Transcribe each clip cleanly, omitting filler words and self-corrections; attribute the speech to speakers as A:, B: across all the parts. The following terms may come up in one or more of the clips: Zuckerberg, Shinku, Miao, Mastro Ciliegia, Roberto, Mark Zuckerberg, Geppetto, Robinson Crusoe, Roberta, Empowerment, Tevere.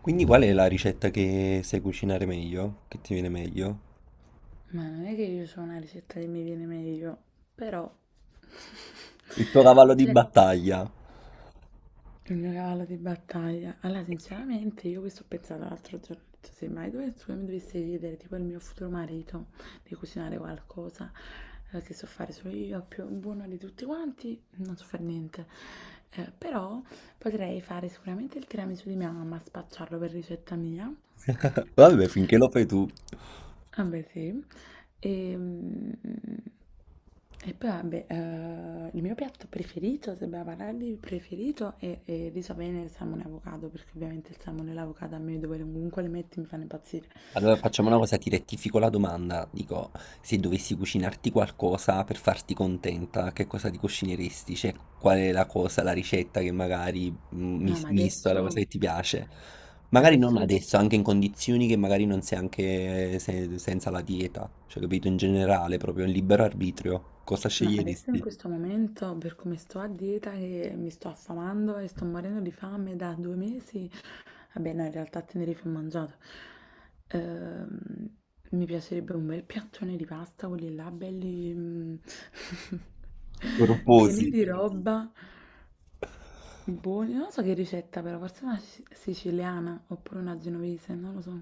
A: Quindi qual è la ricetta che sai cucinare meglio? Che ti viene meglio?
B: Ma non è che io so una ricetta che mi viene meglio, però
A: Il tuo cavallo di
B: cioè,
A: battaglia.
B: il mio cavallo di battaglia. Allora, sinceramente, io questo ho pensato l'altro giorno, ho detto, se mai dovessi, mi dovessi chiedere, tipo il mio futuro marito, di cucinare qualcosa che so fare solo io, più buono di tutti quanti, non so fare niente. Però potrei fare sicuramente il tiramisù di mia mamma, spacciarlo per ricetta mia.
A: Vabbè, finché lo fai tu.
B: Ah beh sì. Ehm, e poi vabbè, il mio piatto preferito, se dobbiamo parlare di preferito, è il riso bene e il salmone e avocado, perché ovviamente il salmone e l'avocado a me dove comunque li metti mi fanno impazzire.
A: Allora facciamo una cosa, ti rettifico la domanda. Dico, se dovessi cucinarti qualcosa per farti contenta, che cosa ti cucineresti? Cioè, qual è la cosa, la ricetta che magari
B: No, ma
A: misto alla cosa
B: adesso,
A: che ti piace? Magari non
B: adesso, per
A: adesso, anche in condizioni che magari non sei anche senza la dieta. Cioè, capito, in generale, proprio in libero arbitrio. Cosa
B: no, adesso in
A: sceglieresti?
B: questo momento, per come sto a dieta, che mi sto affamando e sto morendo di fame da 2 mesi. Vabbè, no, in realtà a Tenerife ho mangiato. Ehm, Mi piacerebbe un bel piattone di pasta, quelli là belli pieni
A: Corposi.
B: di roba, buoni. Non lo so che ricetta però, forse una siciliana oppure una genovese, non lo so.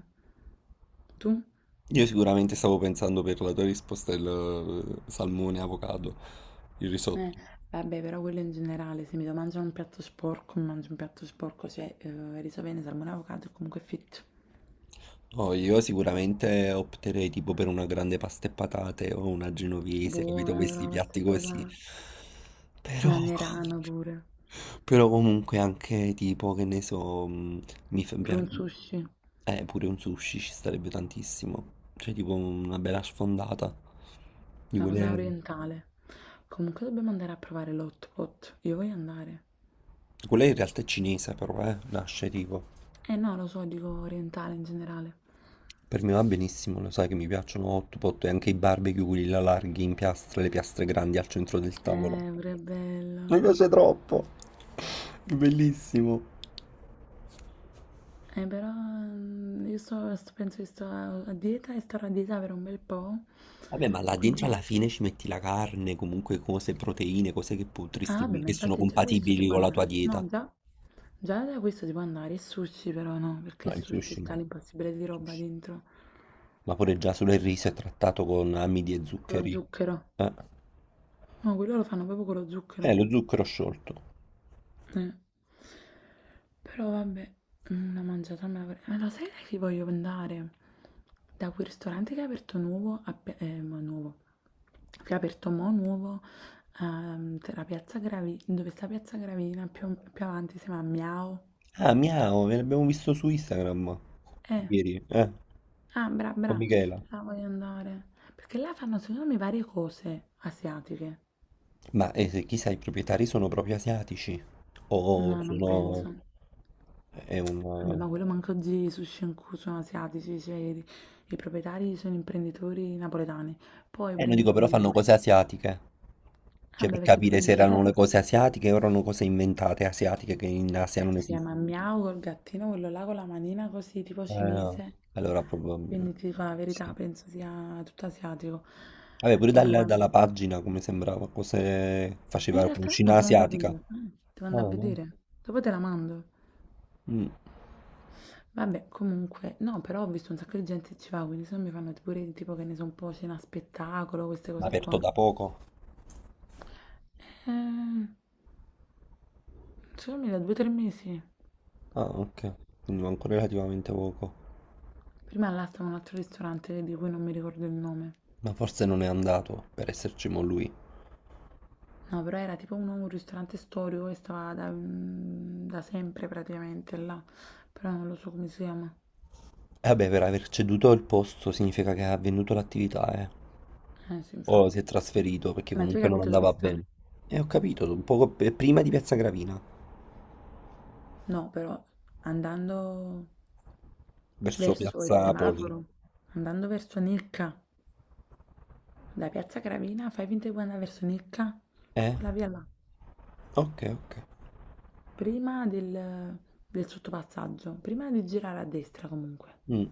B: Tu?
A: Io sicuramente stavo pensando per la tua risposta il salmone, avocado, il risotto.
B: Eh, vabbè, però quello in generale, se mi devo mangiare un piatto sporco, mi mangio un piatto sporco, cioè riso bene, salmone, avocado e comunque fitto.
A: No, io sicuramente opterei tipo per una grande pasta e patate o una genovese, capito?
B: Buona
A: Questi
B: però la pasta
A: piatti
B: e
A: così.
B: patate. Un
A: Però,
B: anerano pure.
A: però comunque anche tipo, che ne so, mm, mi fa
B: Per
A: piace.
B: un sushi.
A: Pure un sushi ci starebbe tantissimo. Cioè tipo una bella sfondata. Di
B: Una cosa
A: quelle...
B: orientale. Comunque dobbiamo andare a provare l'hot pot. Io voglio andare.
A: Quella in realtà è cinese però, nasce tipo.
B: Eh no, lo so, dico orientale in generale.
A: Per me va benissimo, lo sai che mi piacciono hot pot e anche i barbecue, quelli là larghi in piastre, le piastre grandi al centro del tavolo.
B: Pure bello.
A: Mi piace troppo. È bellissimo.
B: Però io penso che sto a dieta e starò a dieta per un bel po'.
A: Vabbè, ma là dentro
B: Quindi...
A: alla fine ci metti la carne, comunque cose, proteine, cose che
B: Ah, vabbè,
A: potresti,
B: ma
A: che sono
B: infatti già questo si
A: compatibili
B: può
A: con la tua
B: andare.
A: dieta.
B: No, già, già da questo si può andare. Il sushi però no, perché
A: No,
B: il
A: il
B: sushi
A: sushi
B: sta
A: no.
B: l'impossibile di roba
A: Sushi.
B: dentro.
A: Ma pure già solo il riso è trattato con amidi e
B: Con lo
A: zuccheri.
B: zucchero.
A: Eh,
B: No, quello lo fanno proprio con lo
A: Eh,
B: zucchero.
A: lo zucchero sciolto.
B: Eh. Però vabbè, una mangiata me la vorrei... Ma lo sai da chi voglio andare? Da quel ristorante che è aperto nuovo, ma nuovo, che è aperto mo' nuovo, tra Piazza Gravi, dove sta Piazza Gravina, più avanti si chiama Miao.
A: Ah, Miao, ve l'abbiamo visto su Instagram
B: Eh,
A: ieri, con
B: bra,
A: Michela.
B: ah, voglio andare. Perché là fanno secondo me varie cose asiatiche.
A: Ma chissà, i proprietari sono proprio asiatici
B: No,
A: o
B: non
A: sono...
B: penso.
A: È
B: Vabbè,
A: un...
B: ma quello manco oggi i sushi in cui sono asiatici, i proprietari sono imprenditori napoletani. Poi
A: Non dico,
B: prendono
A: però
B: quelli a
A: fanno
B: cui
A: cose asiatiche. Cioè,
B: vabbè,
A: per
B: perché per
A: capire
B: me
A: se
B: il
A: erano
B: chef
A: le cose asiatiche o erano cose inventate asiatiche che in Asia non
B: si chiama
A: esistono.
B: Miao col gattino, quello là con la manina così, tipo
A: No.
B: cinese.
A: Allora
B: Quindi
A: probabilmente...
B: ti dico la verità,
A: Sì.
B: penso sia tutto asiatico.
A: Vabbè, pure
B: Poi quando...
A: dalla pagina, come sembrava, cose...
B: in
A: faceva
B: realtà no,
A: cucina
B: sono andata a
A: asiatica. Ah,
B: vedere. Eh, devo andare a
A: no?
B: vedere. Dopo te la mando.
A: Mm.
B: Vabbè, comunque, no, però ho visto un sacco di gente che ci va, quindi se no mi fanno pure tipo che ne so un po' cena spettacolo, queste cose
A: Aperto
B: qua.
A: da poco?
B: Eh, secondo me da 2 o 3 mesi.
A: Ah, ok. Quindi manco relativamente poco.
B: Prima là stava un altro ristorante di cui non mi ricordo il nome.
A: Ma forse non è andato per esserci mo lui.
B: No, però era tipo un ristorante storico che stava da, da sempre praticamente là, però non lo so come si chiama.
A: E vabbè, per aver ceduto il posto significa che ha venduto l'attività, eh.
B: Eh sì,
A: O si è
B: infatti.
A: trasferito perché
B: Ma tu hai
A: comunque non
B: capito dove
A: andava
B: sta?
A: bene. E ho capito, un poco prima di Piazza Gravina,
B: No, però andando
A: verso
B: verso il
A: Piazza Poli.
B: semaforo, andando verso Nicca, da Piazza Gravina, fai finta di andare verso Nicca,
A: Eh?
B: quella via là,
A: Ok, ok.
B: prima del sottopassaggio, prima di girare a destra comunque.
A: Mm,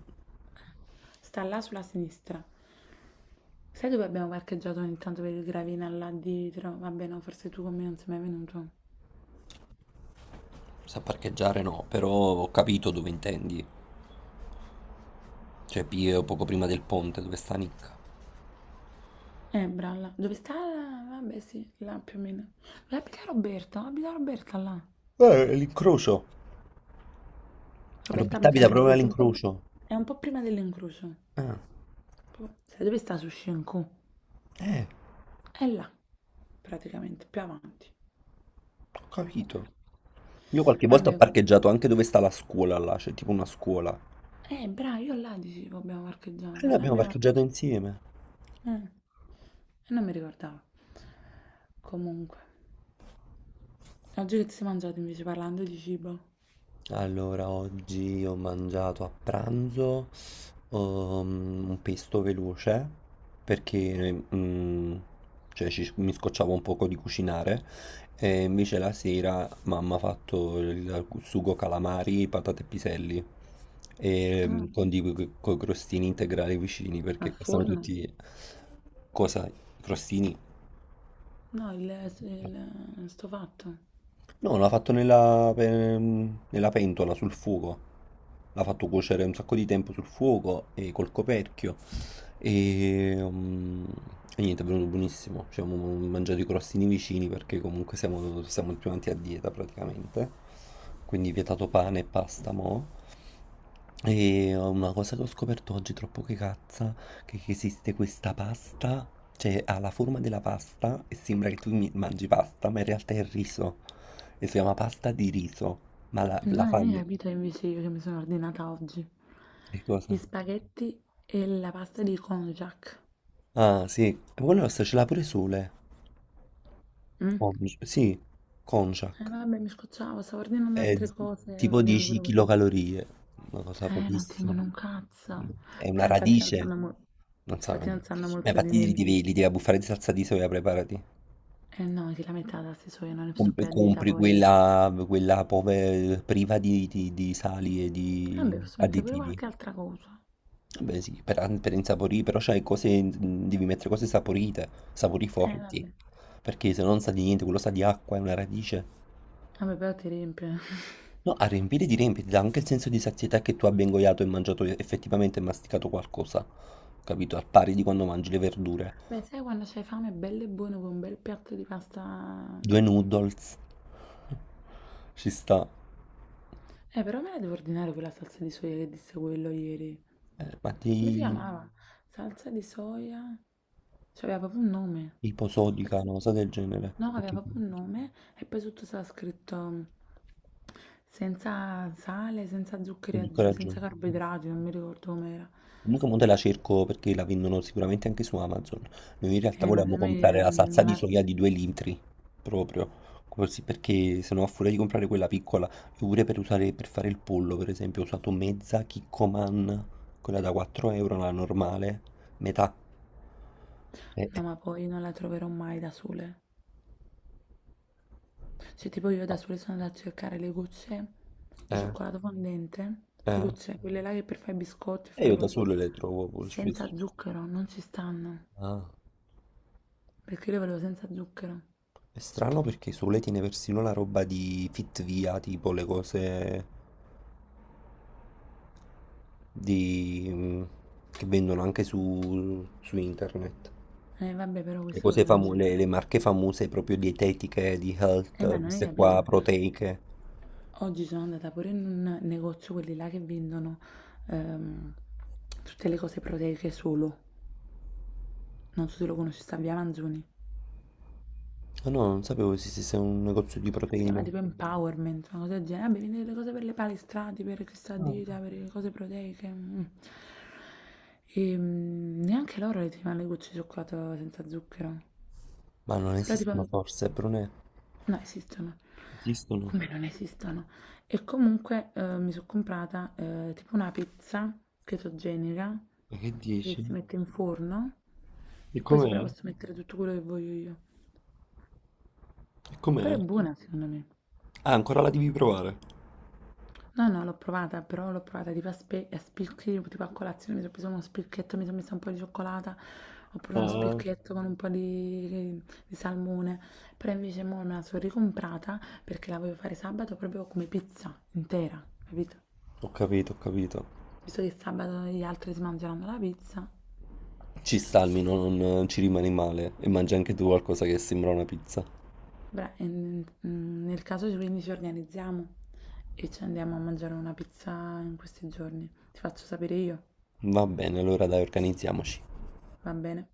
B: Sta là sulla sinistra. Sai dove abbiamo parcheggiato ogni tanto per il gravina là dietro? Vabbè, no, forse tu con me non sei mai venuto.
A: sa parcheggiare no, però ho capito dove intendi. Cioè, Pio, poco prima del ponte, dove sta Nick.
B: Bralla. Dove sta? Vabbè, sì, là più o meno. Dove abita Roberto? Abita Roberta là.
A: L'incrocio.
B: Roberta
A: Roberta
B: abita
A: abita sì, proprio proprio
B: all'incrocio, un po'...
A: all'incrocio.
B: è un po' prima dell'incrocio.
A: Ah,
B: Sai dove sta su Shinku?
A: eh.
B: È là, praticamente, più avanti.
A: Ho capito. Io qualche volta ho
B: Vabbè, com-
A: parcheggiato anche dove sta la scuola là, c'è tipo una scuola.
B: bravo, io là dicevo abbiamo
A: E
B: parcheggiato.
A: noi
B: Là
A: abbiamo
B: abbiamo
A: parcheggiato
B: parcheggiato.
A: insieme.
B: Eh, e non mi ricordavo. Comunque, oggi che ti sei mangiato invece parlando di cibo?
A: Allora, oggi ho mangiato a pranzo un pesto veloce perché mm, cioè, mi scocciavo un poco di cucinare e invece la sera mamma ha fatto il sugo calamari, patate e piselli e, mm,
B: Ah,
A: con i crostini integrali vicini
B: al
A: perché costano
B: forno?
A: tutti cosa? I crostini?
B: No, il- sto fatto.
A: No, l'ha fatto nella pentola sul fuoco. L'ha fatto cuocere un sacco di tempo sul fuoco e col coperchio. Ehm, e niente, è venuto buonissimo. Ci siamo mangiati i crostini vicini perché comunque siamo più avanti a dieta praticamente. Quindi vietato pane e pasta mo'. E una cosa che ho scoperto oggi troppo che cazza, che esiste questa pasta, cioè ha la forma della pasta e sembra che tu mangi pasta, ma in realtà è riso. E si chiama pasta di riso. Ma la
B: No, non hai
A: fanno.
B: capito invece io che mi sono ordinata oggi.
A: Che
B: Gli
A: cosa?
B: spaghetti e la pasta di konjac.
A: Ah, sì. E poi la nostra ce l'ha pure Sole.
B: Mm?
A: Con- sì,
B: Eh
A: Conciac,
B: vabbè, mi scocciavo, stavo ordinando
A: è
B: altre cose, e ho
A: tipo
B: ordinato
A: 10
B: pure questo.
A: kilocalorie, una cosa
B: Non
A: pochissima.
B: tengono un cazzo.
A: È una
B: Però infatti non sanno,
A: radice,
B: mo-
A: non so. Ma
B: infatti non sanno molto di
A: infatti
B: niente.
A: li devi abbuffare di salsa di soia, preparati.
B: Eh no, che la metà da se so, io non ne sto più a dieta
A: Compri
B: poi.
A: quella, quella priva di, di sali e di
B: Vabbè, posso mettere pure
A: additivi.
B: qualche altra cosa.
A: Vabbè sì, per insaporire, però c'hai cose, devi mettere cose saporite, sapori
B: Eh
A: forti,
B: vabbè.
A: perché se non sa di niente, quello sa di acqua, è una radice.
B: Vabbè, però ti riempie.
A: No, a riempire di riempire, dà anche il senso di sazietà che tu abbia ingoiato e mangiato effettivamente e masticato qualcosa, capito? Al pari di quando mangi le verdure.
B: Beh, sai quando c'hai fame, bello e buono con un bel piatto di pasta.
A: Due noodles, ci sta.
B: Però me la devo ordinare quella salsa di soia che disse quello ieri.
A: Ma
B: Come si
A: di
B: chiamava? Mm. Salsa di soia? Cioè, aveva proprio un nome.
A: iposodica,
B: Salsa-
A: una cosa del genere,
B: no, aveva
A: perché
B: proprio un nome e poi sotto stava scritto senza sale, senza
A: è
B: zuccheri
A: di
B: aggiunti,
A: coraggio.
B: senza carboidrati, non mi ricordo com'era.
A: Comunque mo te la cerco perché la vendono sicuramente anche su Amazon. Noi in realtà
B: Ma se
A: volevamo
B: mi-
A: comprare la salsa
B: non
A: di
B: la...
A: soia di 2 litri, proprio, così perché se no a furia di comprare quella piccola, io pure per usare, per fare il pollo per esempio ho usato mezza Kikkoman, quella da 4 euro, la normale, metà. Eh,
B: No,
A: eh,
B: ma poi non la troverò mai da sole. Cioè, tipo io da
A: no.
B: sole sono andata a cercare le gocce di
A: Eh,
B: cioccolato fondente, le
A: eh.
B: gocce, quelle là che per fare i biscotti e
A: E
B: fare
A: io
B: le
A: da
B: cose,
A: sole le trovo poi
B: senza
A: spesso.
B: zucchero, non ci stanno.
A: Ah,
B: Perché io lo volevo senza zucchero.
A: è strano perché Sole tiene persino la roba di Fitvia, tipo le cose di, che vendono anche su internet.
B: Vabbè, però
A: Le
B: queste
A: cose
B: cose non
A: famose,
B: si fa.
A: le marche famose proprio dietetiche, di
B: Ma
A: health,
B: non hai
A: queste qua
B: capito?
A: proteiche.
B: Oggi sono andata pure in un negozio, quelli là che vendono ehm, tutte le cose proteiche solo. Non so se lo conosci, sta via Manzoni.
A: Ah no, non sapevo esistesse un negozio di
B: Si
A: proteine.
B: chiama tipo Empowerment, una cosa del genere. Vabbè, vendete le cose per le palestrati, per questa
A: Ah.
B: dieta, per le cose proteiche. Mm. E neanche loro le ti fanno le gocce di cioccolato senza zucchero.
A: Ma non
B: Però tipo
A: esistono forse, Brunè?
B: no, esistono.
A: Esistono.
B: Come non esistono? E comunque, mi so' comprata, tipo una pizza chetogenica
A: Ma che
B: che
A: dici?
B: si mette in forno
A: E
B: e poi sopra
A: com'è?
B: posso mettere tutto quello che voglio io.
A: E
B: Però
A: com'è?
B: è buona secondo me.
A: Ah, ancora la devi provare.
B: No, no, l'ho provata, però l'ho provata tipo a spicchi, tipo a colazione, mi sono preso uno spilchetto, mi sono messa un po' di cioccolata, ho preso uno
A: Ah.
B: spilchetto con un po' di salmone, però invece mo me la sono ricomprata perché la voglio fare sabato proprio come pizza intera, capito?
A: Ho capito, ho capito.
B: Visto che sabato gli altri si mangeranno la pizza,
A: Ci sta almeno, non ci rimani male. E mangi anche tu qualcosa che sembra una pizza.
B: beh, nel caso quindi ci organizziamo e ci andiamo a mangiare una pizza in questi giorni. Ti faccio sapere io,
A: Va bene, allora dai, organizziamoci.
B: va bene?